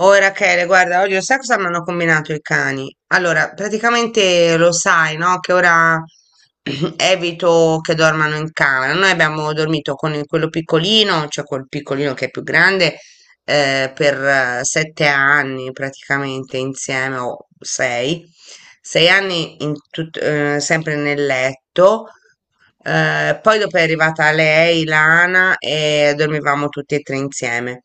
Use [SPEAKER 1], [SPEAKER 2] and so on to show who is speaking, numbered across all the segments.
[SPEAKER 1] Oh Rachele, guarda, oggi lo sai cosa mi hanno combinato i cani? Allora, praticamente lo sai, no? Che ora evito che dormano in camera. Noi abbiamo dormito con quello piccolino, cioè quel piccolino che è più grande, per 7 anni praticamente insieme, o sei anni in sempre nel letto. Poi dopo è arrivata lei, Lana, e dormivamo tutti e tre insieme.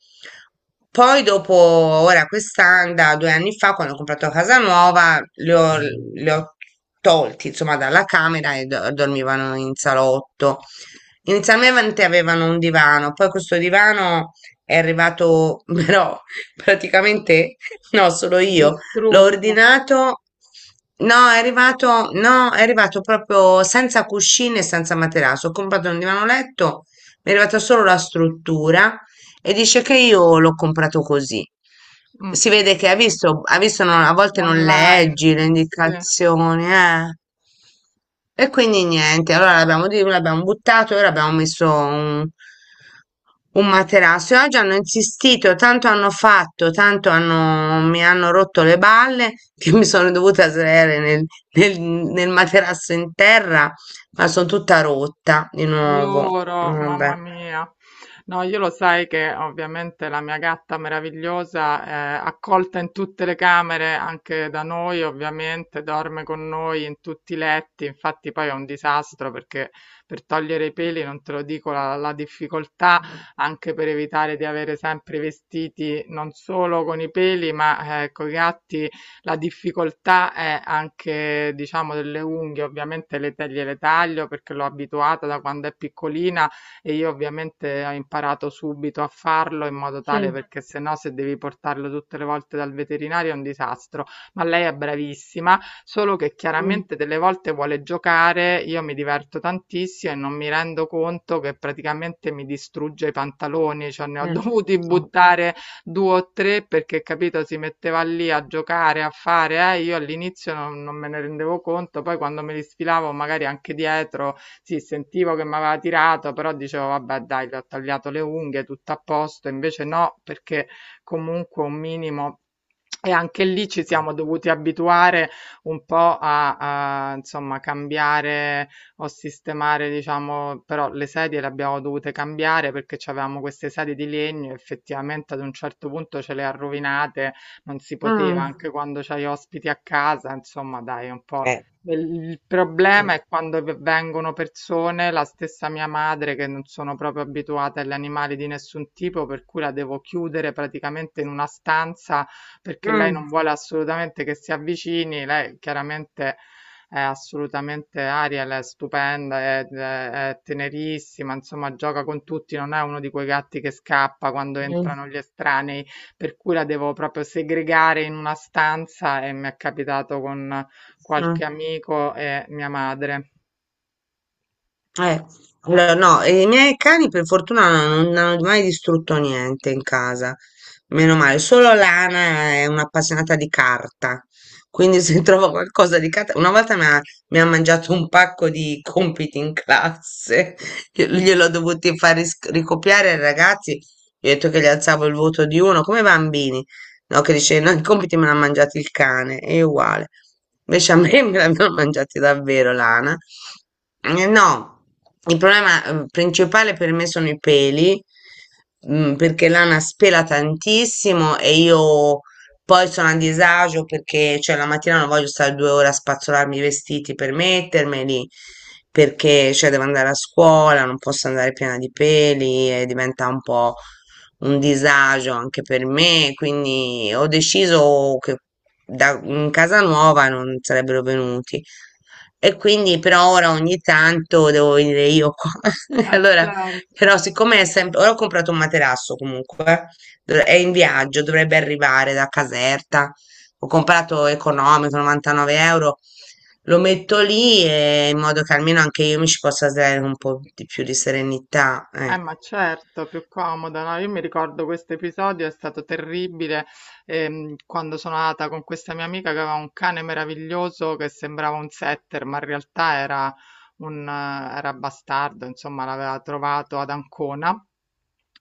[SPEAKER 1] Poi dopo, ora quest'anno, da 2 anni fa, quando ho comprato casa nuova, li ho tolti, insomma, dalla camera e dormivano in salotto. Inizialmente avevano un divano, poi questo divano è arrivato, però praticamente no, sono io. L'ho
[SPEAKER 2] Distrutto.
[SPEAKER 1] ordinato. No, è arrivato, no, è arrivato proprio senza cuscine e senza materasso. Ho comprato un divano letto, mi è arrivata solo la struttura e dice che io l'ho comprato così.
[SPEAKER 2] Mh. Mm.
[SPEAKER 1] Si vede che ha visto, non- a volte non
[SPEAKER 2] Online.
[SPEAKER 1] leggi le
[SPEAKER 2] Sì.
[SPEAKER 1] indicazioni, eh. E quindi niente, allora l'abbiamo buttato e ora abbiamo messo un materasso. E oggi hanno insistito, tanto hanno fatto, mi hanno rotto le balle che mi sono dovuta sdraiare nel materasso in terra, ma sono tutta rotta di nuovo.
[SPEAKER 2] Loro,
[SPEAKER 1] Vabbè.
[SPEAKER 2] mamma mia. No, io lo sai che ovviamente la mia gatta meravigliosa è accolta in tutte le camere, anche da noi ovviamente, dorme con noi in tutti i letti, infatti poi è un disastro perché per togliere i peli, non te lo dico, la difficoltà anche per evitare di avere sempre i vestiti non solo con i peli, ma con i gatti. La difficoltà è anche, diciamo, delle unghie, ovviamente gliele taglio perché l'ho abituata da quando è piccolina e io ovviamente ho imparato subito a farlo in modo tale perché se no se devi portarlo tutte le volte dal veterinario è un disastro. Ma lei è bravissima, solo che
[SPEAKER 1] Mm.
[SPEAKER 2] chiaramente delle volte vuole giocare, io mi diverto tantissimo e non mi rendo conto che praticamente mi distrugge i pantaloni, cioè ne ho
[SPEAKER 1] Mh.
[SPEAKER 2] dovuti
[SPEAKER 1] Mh.
[SPEAKER 2] buttare due o tre perché, capito, si metteva lì a giocare, a fare, io all'inizio non me ne rendevo conto, poi quando me li sfilavo magari anche dietro, sì, sentivo che mi aveva tirato, però dicevo, vabbè, dai, gli ho tagliato le unghie, tutto a posto, invece no, perché comunque un minimo e anche lì ci siamo dovuti abituare un po' insomma cambiare o sistemare, diciamo, però le sedie le abbiamo dovute cambiare perché c'avevamo queste sedie di legno, effettivamente ad un certo punto ce le ha rovinate, non si poteva,
[SPEAKER 1] Mh.
[SPEAKER 2] anche quando c'hai ospiti a casa, insomma, dai, un po'.
[SPEAKER 1] Eh.
[SPEAKER 2] Il problema
[SPEAKER 1] Mh.
[SPEAKER 2] è quando vengono persone, la stessa mia madre, che non sono proprio abituate agli animali di nessun tipo, per cui la devo chiudere praticamente in una stanza perché lei
[SPEAKER 1] Mh.
[SPEAKER 2] non vuole assolutamente che si avvicini, lei chiaramente è assolutamente Ariel, è stupenda, è tenerissima, insomma gioca con tutti, non è uno di quei gatti che scappa quando
[SPEAKER 1] Mh.
[SPEAKER 2] entrano gli estranei, per cui la devo proprio segregare in una stanza e mi è capitato con qualche
[SPEAKER 1] Mh.
[SPEAKER 2] amico e mia madre.
[SPEAKER 1] Eh, allora, no, i miei cani per fortuna non hanno mai distrutto niente in casa, meno male, solo Lana è un'appassionata di carta, quindi se trovo qualcosa di carta, una volta mi ha mangiato un pacco di compiti in classe, gliel'ho dovuti far ricopiare ai ragazzi, gli ho detto che gli alzavo il voto di uno, come i bambini, no, che dice, no, i compiti me l'ha mangiati il cane, è uguale, invece a me me l'hanno mangiati davvero Lana. No, il problema principale per me sono i peli, mm, perché l'ana spela tantissimo e io poi sono a disagio perché cioè, la mattina non voglio stare 2 ore a spazzolarmi i vestiti per mettermeli, perché cioè, devo andare a scuola, non posso andare piena di peli e diventa un po' un disagio anche per me, quindi ho deciso che in casa nuova non sarebbero venuti. E quindi però ora ogni tanto devo venire io qua. E
[SPEAKER 2] Ah,
[SPEAKER 1] allora,
[SPEAKER 2] certo.
[SPEAKER 1] però siccome è sempre. Ora ho comprato un materasso comunque, è in viaggio, dovrebbe arrivare da Caserta. Ho comprato economico, 99 euro. Lo metto lì e in modo che almeno anche io mi ci possa dare un po' di più di serenità.
[SPEAKER 2] Ma certo, più comoda, no? Io mi ricordo questo episodio, è stato terribile, quando sono andata con questa mia amica che aveva un cane meraviglioso che sembrava un setter, ma in realtà era era bastardo, insomma, l'aveva trovato ad Ancona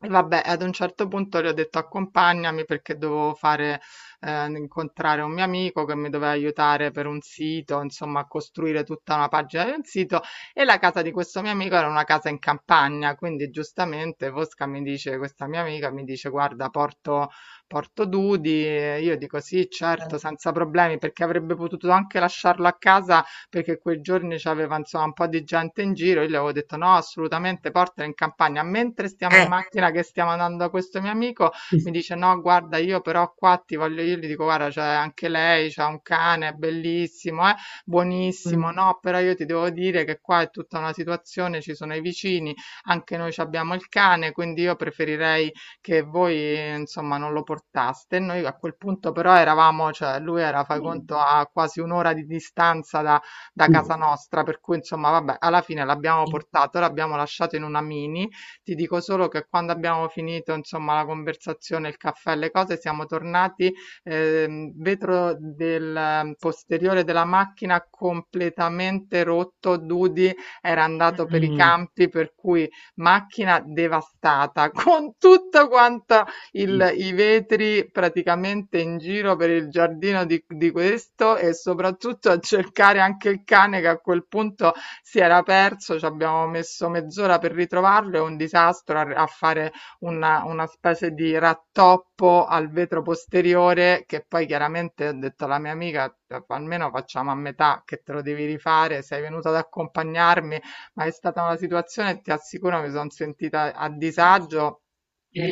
[SPEAKER 2] e vabbè, ad un certo punto le ho detto accompagnami perché dovevo fare, incontrare un mio amico che mi doveva aiutare per un sito, insomma, a costruire tutta una pagina di un sito. E la casa di questo mio amico era una casa in campagna, quindi giustamente Fosca mi dice, questa mia amica mi dice, guarda, porto, porto Dudi. E io dico sì, certo, senza problemi, perché avrebbe potuto anche lasciarlo a casa perché quei giorni c'aveva insomma un po' di gente in giro, io gli avevo detto no, assolutamente portala in campagna. Mentre stiamo in
[SPEAKER 1] Eh.
[SPEAKER 2] macchina che stiamo andando da questo mio amico, mi dice no, guarda, io però qua ti voglio. Io gli dico guarda, c'è anche lei, c'ha un cane, è bellissimo, buonissimo.
[SPEAKER 1] Mm.
[SPEAKER 2] No, però io ti devo dire che qua è tutta una situazione, ci sono i vicini, anche noi ci abbiamo il cane, quindi io preferirei che voi insomma non lo portaste. E noi a quel punto però eravamo, cioè lui era, fai conto, a quasi un'ora di distanza da casa nostra, per cui insomma, vabbè, alla fine l'abbiamo portato, l'abbiamo lasciato in una mini. Ti dico solo che quando abbiamo finito, insomma, la conversazione, il caffè, le cose, siamo tornati, vetro del posteriore della macchina completamente rotto, Dudi era andato per i campi, per cui macchina devastata con tutto quanto i vetri praticamente in giro per il giardino di questo e soprattutto a cercare anche il cane che a quel punto si era perso. Ci abbiamo messo mezz'ora per ritrovarlo, è un disastro a, a fare una specie di rattoppo al vetro posteriore, che poi chiaramente ho detto alla mia amica almeno facciamo a metà che te lo devi rifare, sei venuta ad accompagnarmi, ma è stata una situazione, ti assicuro, mi sono sentita a disagio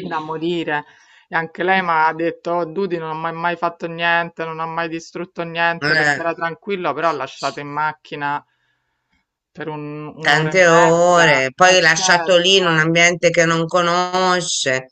[SPEAKER 2] da morire. E anche lei mi ha detto, oh, Dudi non ha mai mai fatto niente, non ha mai distrutto niente perché
[SPEAKER 1] Eh.
[SPEAKER 2] era tranquillo, però ha lasciato in macchina per un'ora e
[SPEAKER 1] Tante
[SPEAKER 2] mezza.
[SPEAKER 1] ore,
[SPEAKER 2] Eh
[SPEAKER 1] poi lasciato lì in un
[SPEAKER 2] certo.
[SPEAKER 1] ambiente che non conosce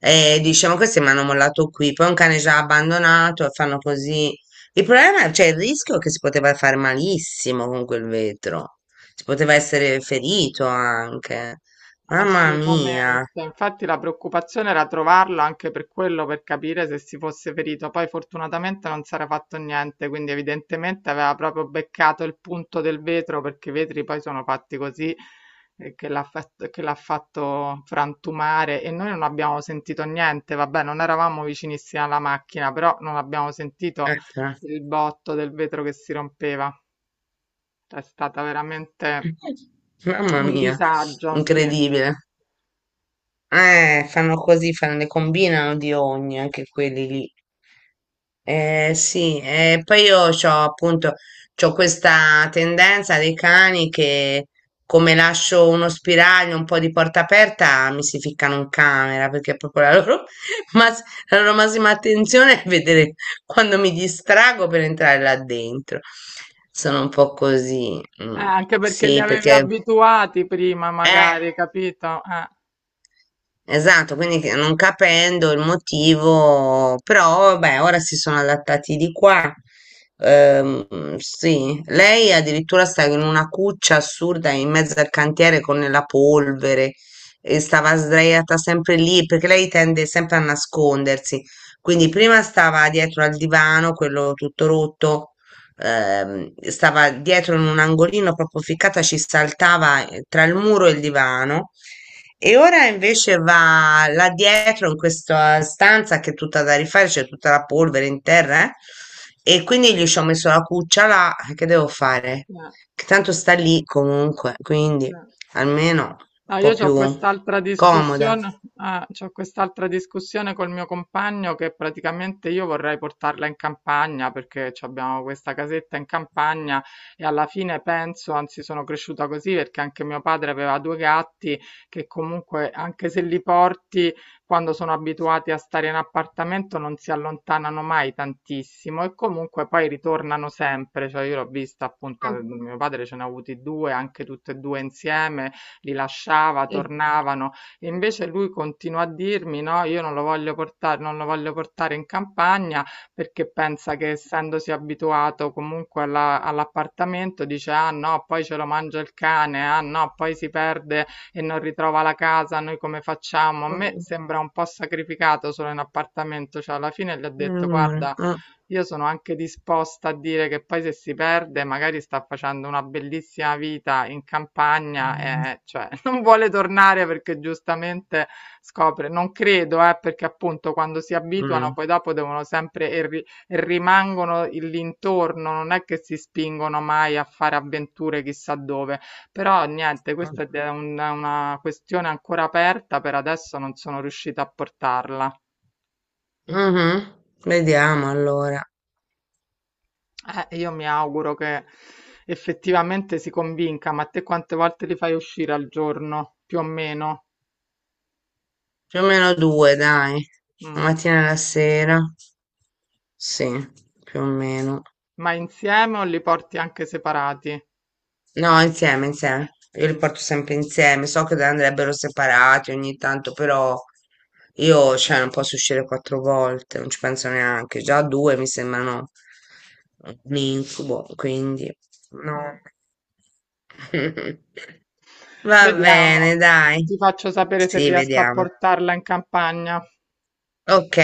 [SPEAKER 1] e dice, ma questi mi hanno mollato qui, poi un cane già abbandonato e fanno così. Il problema, cioè il rischio è che si poteva fare malissimo con quel vetro, si poteva essere ferito anche. Mamma mia,
[SPEAKER 2] Assolutamente, infatti la preoccupazione era trovarlo anche per quello, per capire se si fosse ferito. Poi fortunatamente non si era fatto niente, quindi evidentemente aveva proprio beccato il punto del vetro, perché i vetri poi sono fatti così, che l'ha fatto frantumare e noi non abbiamo sentito niente. Vabbè, non eravamo vicinissimi alla macchina, però non abbiamo sentito
[SPEAKER 1] eh, però
[SPEAKER 2] il botto del vetro che si rompeva. È stata veramente
[SPEAKER 1] mamma
[SPEAKER 2] un
[SPEAKER 1] mia,
[SPEAKER 2] disagio, sì.
[SPEAKER 1] incredibile. Fanno così, fanno, ne combinano di ogni, anche quelli lì. Sì, poi io ho appunto c'ho questa tendenza dei cani che come lascio uno spiraglio, un po' di porta aperta, mi si ficcano in camera perché proprio la loro, mas- la loro massima attenzione è vedere quando mi distrago per entrare là dentro. Sono un po' così. Mm,
[SPEAKER 2] Anche perché li
[SPEAKER 1] sì,
[SPEAKER 2] avevi
[SPEAKER 1] perché
[SPEAKER 2] abituati prima,
[SPEAKER 1] eh,
[SPEAKER 2] magari, capito?
[SPEAKER 1] esatto, non capendo il motivo, però beh, ora si sono adattati di qua. Sì, lei addirittura stava in una cuccia assurda in mezzo al cantiere con la polvere e stava sdraiata sempre lì perché lei tende sempre a nascondersi. Quindi prima stava dietro al divano, quello tutto rotto, stava dietro in un angolino proprio ficcata, ci saltava tra il muro e il divano. E ora invece va là dietro in questa stanza che è tutta da rifare, c'è tutta la polvere in terra, e quindi gli ci ho messo la cuccia là, che devo fare?
[SPEAKER 2] Eh,
[SPEAKER 1] Che tanto sta lì comunque,
[SPEAKER 2] sì.
[SPEAKER 1] quindi almeno un
[SPEAKER 2] No,
[SPEAKER 1] po'
[SPEAKER 2] io ho
[SPEAKER 1] più
[SPEAKER 2] quest'altra
[SPEAKER 1] comoda.
[SPEAKER 2] discussione, ah, c'ho quest'altra discussione col mio compagno che praticamente io vorrei portarla in campagna perché ci abbiamo questa casetta in campagna e alla fine penso, anzi sono cresciuta così perché anche mio padre aveva due gatti che comunque anche se li porti quando sono abituati a stare in appartamento non si allontanano mai tantissimo e comunque poi ritornano sempre, cioè io l'ho vista appunto, mio padre ce ne ha avuti due, anche tutte e due insieme li lasciava,
[SPEAKER 1] Eh,
[SPEAKER 2] tornavano. E invece lui continua a dirmi: no, io non lo voglio portare, non lo voglio portare in campagna perché pensa che essendosi abituato comunque all'appartamento, dice: ah no, poi ce lo mangia il cane, ah no, poi si perde e non ritrova la casa, noi come facciamo? A me
[SPEAKER 1] Mm,
[SPEAKER 2] sembra un po' sacrificato solo in appartamento, cioè alla fine gli ho detto
[SPEAKER 1] mm,
[SPEAKER 2] guarda,
[SPEAKER 1] mm,
[SPEAKER 2] io sono anche disposta a dire che poi se si perde magari sta facendo una bellissima vita in campagna e cioè non vuole tornare perché giustamente scopre, non credo, perché appunto quando si abituano
[SPEAKER 1] mm.
[SPEAKER 2] poi dopo devono sempre e rimangono l'intorno, non è che si spingono mai a fare avventure chissà dove, però niente, questa è una questione ancora aperta, per adesso non sono riuscita a portarla.
[SPEAKER 1] Mhm. Vediamo allora.
[SPEAKER 2] Io mi auguro che effettivamente si convinca, ma te quante volte li fai uscire al giorno, più o meno?
[SPEAKER 1] Più o meno due, dai. La
[SPEAKER 2] Mm.
[SPEAKER 1] mattina e la sera. Sì, più o meno.
[SPEAKER 2] Ma insieme o li porti anche separati?
[SPEAKER 1] No, insieme, insieme. Io li
[SPEAKER 2] Mm,
[SPEAKER 1] porto sempre insieme. So che andrebbero separati ogni tanto, però io, cioè, non posso uscire 4 volte, non ci penso neanche. Già due mi sembrano un incubo, quindi
[SPEAKER 2] mm.
[SPEAKER 1] no. Va
[SPEAKER 2] Vediamo,
[SPEAKER 1] bene, dai.
[SPEAKER 2] ti faccio sapere se
[SPEAKER 1] Sì,
[SPEAKER 2] riesco a
[SPEAKER 1] vediamo.
[SPEAKER 2] portarla in campagna.
[SPEAKER 1] Ok.